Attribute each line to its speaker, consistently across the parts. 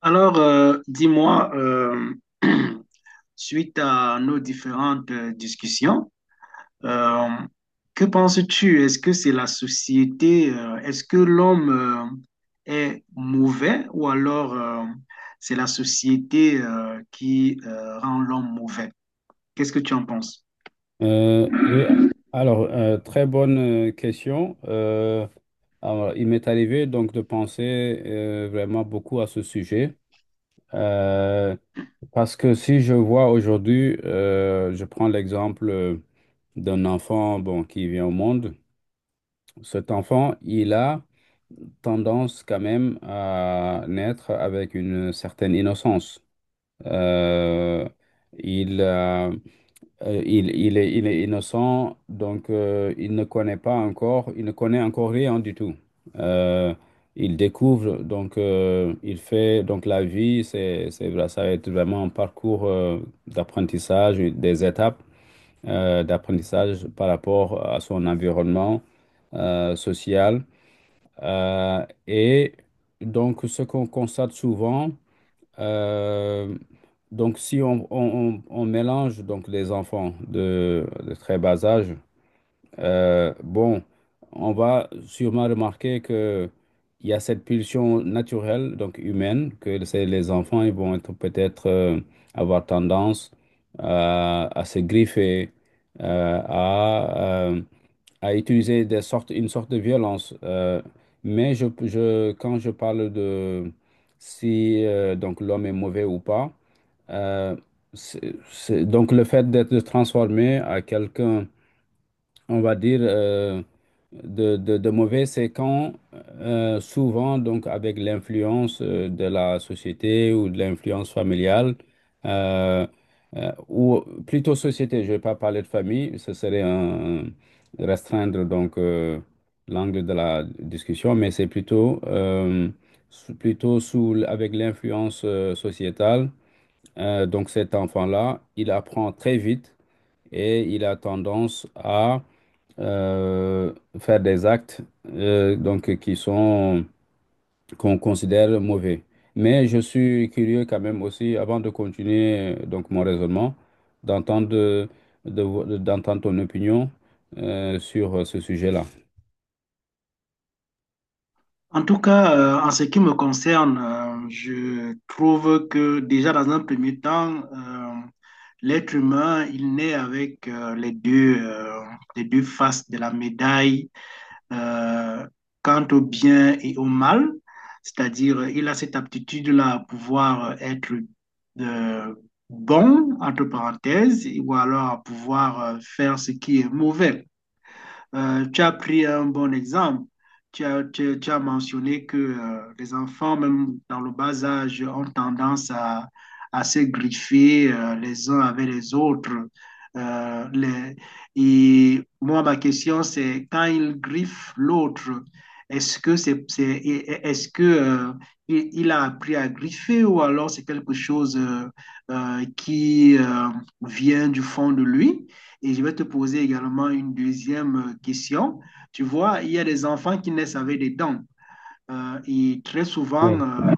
Speaker 1: Alors, dis-moi, suite à nos différentes discussions, euh, que penses-tu? Est-ce que c'est la société, est-ce que l'homme est mauvais ou alors c'est la société qui rend l'homme mauvais? Qu'est-ce que tu en penses?
Speaker 2: Oui, alors, très bonne question. Alors, il m'est arrivé donc de penser vraiment beaucoup à ce sujet. Euh, Parce que si je vois aujourd'hui, je prends l'exemple d'un enfant bon, qui vient au monde. Cet enfant, il a tendance quand même à naître avec une certaine innocence. Euh, il a il est innocent, donc il ne connaît pas encore, il ne connaît encore rien du tout. Euh, il découvre, donc il fait, donc la vie, vrai, ça va être vraiment un parcours d'apprentissage, des étapes d'apprentissage par rapport à son environnement social. Et donc ce qu'on constate souvent, euh, donc, si on mélange donc les enfants de très bas âge, bon, on va sûrement remarquer que il y a cette pulsion naturelle, donc humaine, que c'est les enfants, ils vont être peut-être avoir tendance à se griffer, euh, à euh, à utiliser des sortes, une sorte de violence. Mais quand je parle de si donc l'homme est mauvais ou pas, euh, c'est- donc le fait d'être transformé à quelqu'un on va dire, de mauvais, c'est quand souvent, donc avec l'influence de la société ou de l'influence familiale, euh, ou plutôt société, je ne vais pas parler de famille, ce serait un- restreindre donc l'angle de la discussion, mais c'est plutôt, sous- plutôt sous, l- avec l'influence sociétale. Donc cet enfant-là, il apprend très vite et il a tendance à faire des actes donc qui sont qu'on considère mauvais. Mais je suis curieux quand même aussi, avant de continuer donc mon raisonnement, d'entendre de, de vo- d'entendre ton opinion sur ce sujet-là.
Speaker 1: En tout cas, en ce qui me concerne, je trouve que déjà dans un premier temps, l'être humain, il naît avec les deux faces de la médaille euh, quant au bien et au mal. C'est-à-dire, il a cette aptitude-là à pouvoir être euh, bon, entre parenthèses, ou alors à pouvoir faire ce qui est mauvais. Tu as pris un bon exemple. Tu as mentionné que les enfants, même dans le bas âge, ont tendance à se griffer les uns avec les autres. Euh, les- et moi, ma question, c'est quand ils griffent l'autre, est-ce que c'est, c'est- est-ce que, il a appris à griffer ou alors c'est quelque chose qui vient du fond de lui? Et je vais te poser également une deuxième question. Tu vois, il y a des enfants qui naissent avec des dents. Et très souvent,
Speaker 2: Oui.
Speaker 1: euh,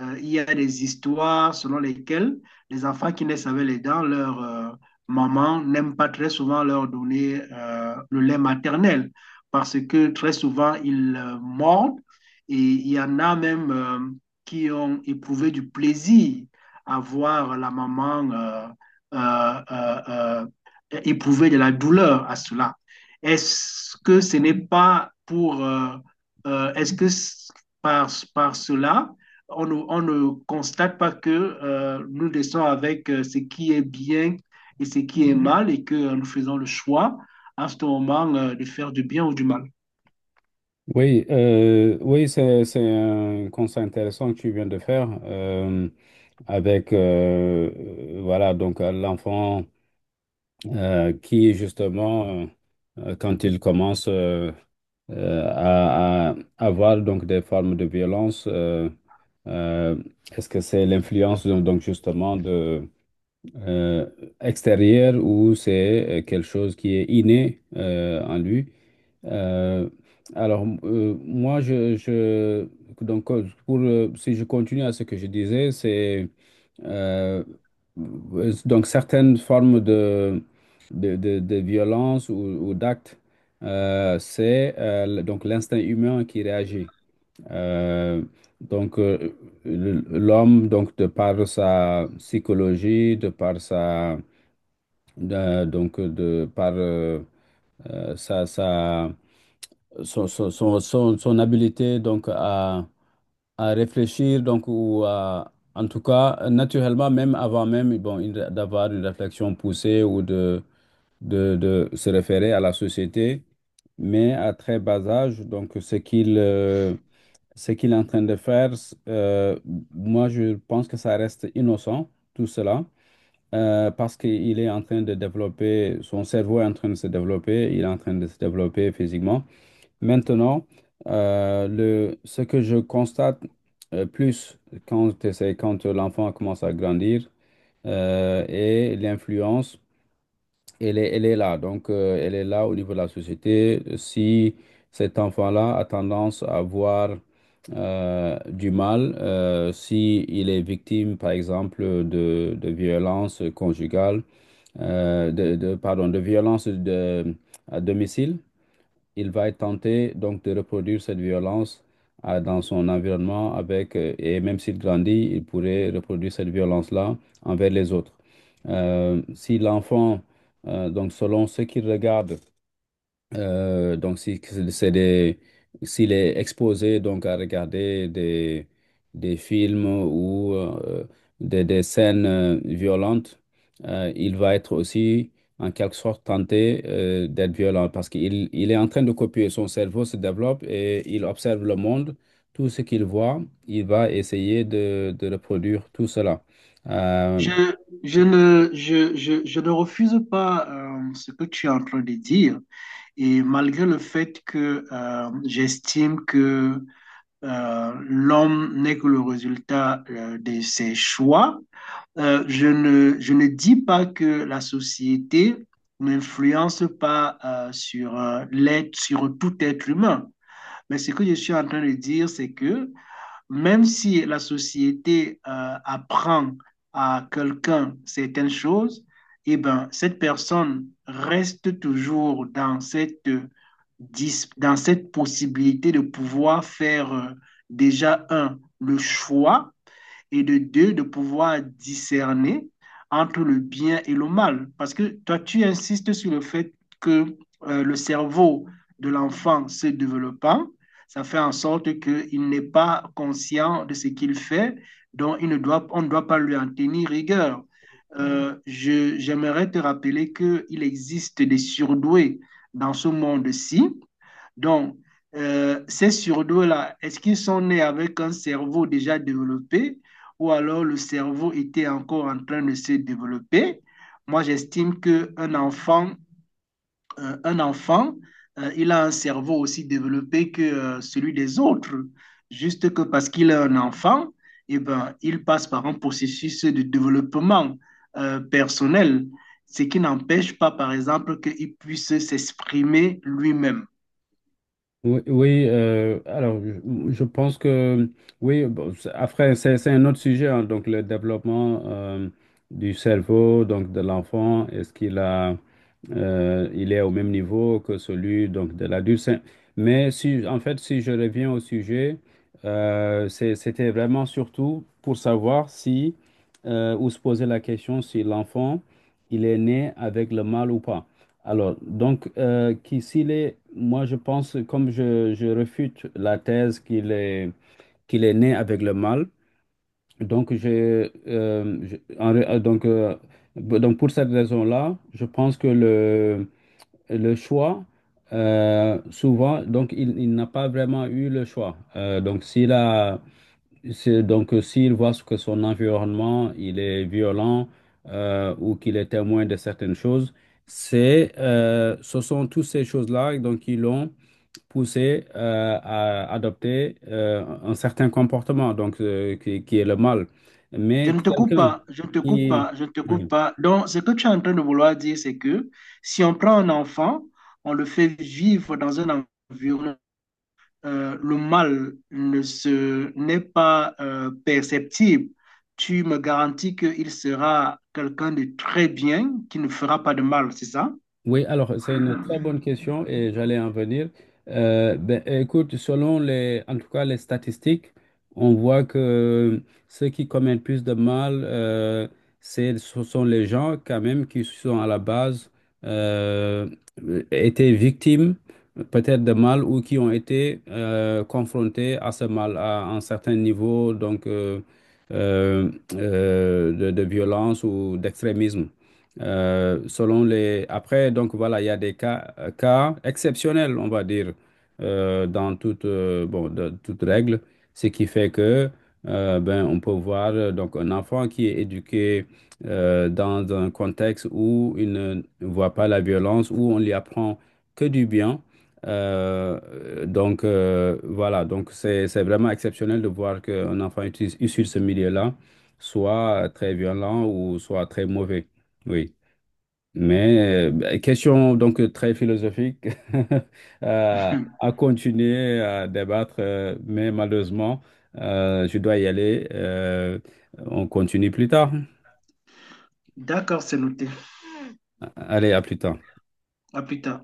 Speaker 1: euh, il y a des histoires selon lesquelles les enfants qui naissent avec les dents, leur maman n'aime pas très souvent leur donner le lait maternel parce que très souvent, ils mordent et il y en a même qui ont éprouvé du plaisir à voir la maman euh, euh, éprouver de la douleur à cela. Est-ce que ce n'est pas pour... Est-ce que par, par cela, on ne constate pas que nous restons avec ce qui est bien et ce qui est mal et que nous faisons le choix à ce moment de faire du bien ou du mal.
Speaker 2: Oui, c'est un constat intéressant que tu viens de faire avec voilà donc l'enfant qui justement quand il commence à avoir donc des formes de violence. Euh, Est-ce que c'est l'influence donc justement de euh, extérieure ou c'est quelque chose qui est inné en lui? Euh, alors, moi, je- donc, pour, si je continue à ce que je disais, c'est euh, donc certaines formes de violence ou d'actes, c'est le- donc l'instinct humain qui réagit. Euh, donc, euh, le- l'homme, donc, de par sa psychologie, de par sa, de- donc, de par sa son habileté donc à réfléchir donc ou à, en tout cas naturellement même avant même bon une- d'avoir une réflexion poussée ou de, de se référer à la société mais à très bas âge donc ce qu'il est en train de faire euh, moi je pense que ça reste innocent tout cela parce qu'il est en train de développer son cerveau est en train de se développer il est en train de se développer physiquement. Maintenant, le, ce que je constate plus quand, c'est quand l'enfant commence à grandir et l'influence, elle est là. Donc, elle est là au niveau de la société. Si cet enfant-là a tendance à voir du mal, si il est victime, par exemple, de violences conjugales, de- pardon, de violences à domicile, il va être tenté donc de reproduire cette violence dans son environnement avec, et même s'il grandit, il pourrait reproduire cette violence-là envers les autres. Si l'enfant, donc selon ce qu'il regarde, donc, si, c'est des, s'il est exposé donc à regarder des films ou des scènes violentes, il va être aussi en quelque sorte tenté d'être violent parce qu'il il est en train de copier. Son cerveau se développe et il observe le monde. Tout ce qu'il voit, il va essayer de reproduire tout cela. Euh,
Speaker 1: Je, je ne refuse pas ce que tu es en train de dire et malgré le fait que j'estime que l'homme n'est que le résultat de ses choix. Je ne dis pas que la société n'influence pas sur tout être humain. Mais ce que je suis en train de dire, c'est que même si la société apprend à quelqu'un certaines choses, eh ben, cette personne reste toujours dans dans cette possibilité de pouvoir faire, déjà, un, le choix et de deux, de pouvoir discerner entre le bien et le mal. Parce que toi, tu insistes sur le fait que le cerveau de l'enfant se développant, ça fait en sorte qu'il n'est pas conscient de ce qu'il fait, donc il ne doit, on ne doit pas lui en tenir rigueur. J'aimerais te rappeler qu'il existe des surdoués dans ce monde-ci donc, ces surdoués-là, est-ce qu'ils sont nés avec un cerveau déjà développé ou alors le cerveau était encore en train de se développer? Moi, j'estime qu'un enfant, euh, un enfant, il a un cerveau aussi développé que celui des autres. Juste que parce qu'il est un enfant, eh ben, il passe par un processus de développement personnel, ce qui n'empêche pas, par exemple, qu'il puisse s'exprimer lui-même.
Speaker 2: Oui, alors je pense que oui, bon, c'est- après c'est un autre sujet, hein, donc le développement du cerveau donc de l'enfant, est-ce qu'il a il est au même niveau que celui donc de l'adulte? C'est- mais si en fait si je reviens au sujet, c'est- c'était vraiment surtout pour savoir si ou se poser la question si l'enfant il est né avec le mal ou pas. Alors, donc, qui- s'il est, moi je pense, comme je réfute la thèse qu'il est né avec le mal, donc, je- en ré- b- donc pour cette raison-là, je pense que le choix, souvent, donc il n'a pas vraiment eu le choix. Donc, s'il a, c'est donc s'il voit que son environnement il est violent ou qu'il est témoin de certaines choses, c'est ce sont toutes ces choses-là donc qui l'ont poussé à adopter un certain comportement donc qui est le mal.
Speaker 1: Je
Speaker 2: Mais
Speaker 1: ne te coupe
Speaker 2: quelqu'un
Speaker 1: pas, je ne te coupe
Speaker 2: qui...
Speaker 1: pas, je ne te coupe
Speaker 2: Oui.
Speaker 1: pas. Donc, ce que tu es en train de vouloir dire, c'est que si on prend un enfant, on le fait vivre dans un environnement, le mal ne se, n'est pas perceptible. Tu me garantis qu'il sera quelqu'un de très bien, qui ne fera pas de mal, c'est ça?
Speaker 2: Oui, alors c'est une très bonne question et j'allais en venir. Ben, écoute, selon les, en tout cas les statistiques, on voit que ceux qui commettent plus de mal, c'est, ce sont les gens quand même qui sont à la base euh, étaient victimes peut-être de mal ou qui ont été confrontés à ce mal à un certain niveau donc de violence ou d'extrémisme. Selon les... Après, donc voilà, il y a des cas, cas exceptionnels, on va dire, dans toute, bon, de- toute règle, ce qui fait que ben, on peut voir donc, un enfant qui est éduqué dans un contexte où il ne voit pas la violence, où on lui apprend que du bien. Voilà, donc c'est vraiment exceptionnel de voir qu'un enfant issu de ce milieu-là soit très violent ou soit très mauvais. Oui. Mais question donc très philosophique euh, à continuer à débattre, mais malheureusement, je dois y aller. On continue plus tard.
Speaker 1: D'accord, c'est noté.
Speaker 2: Allez, à plus tard.
Speaker 1: À plus tard.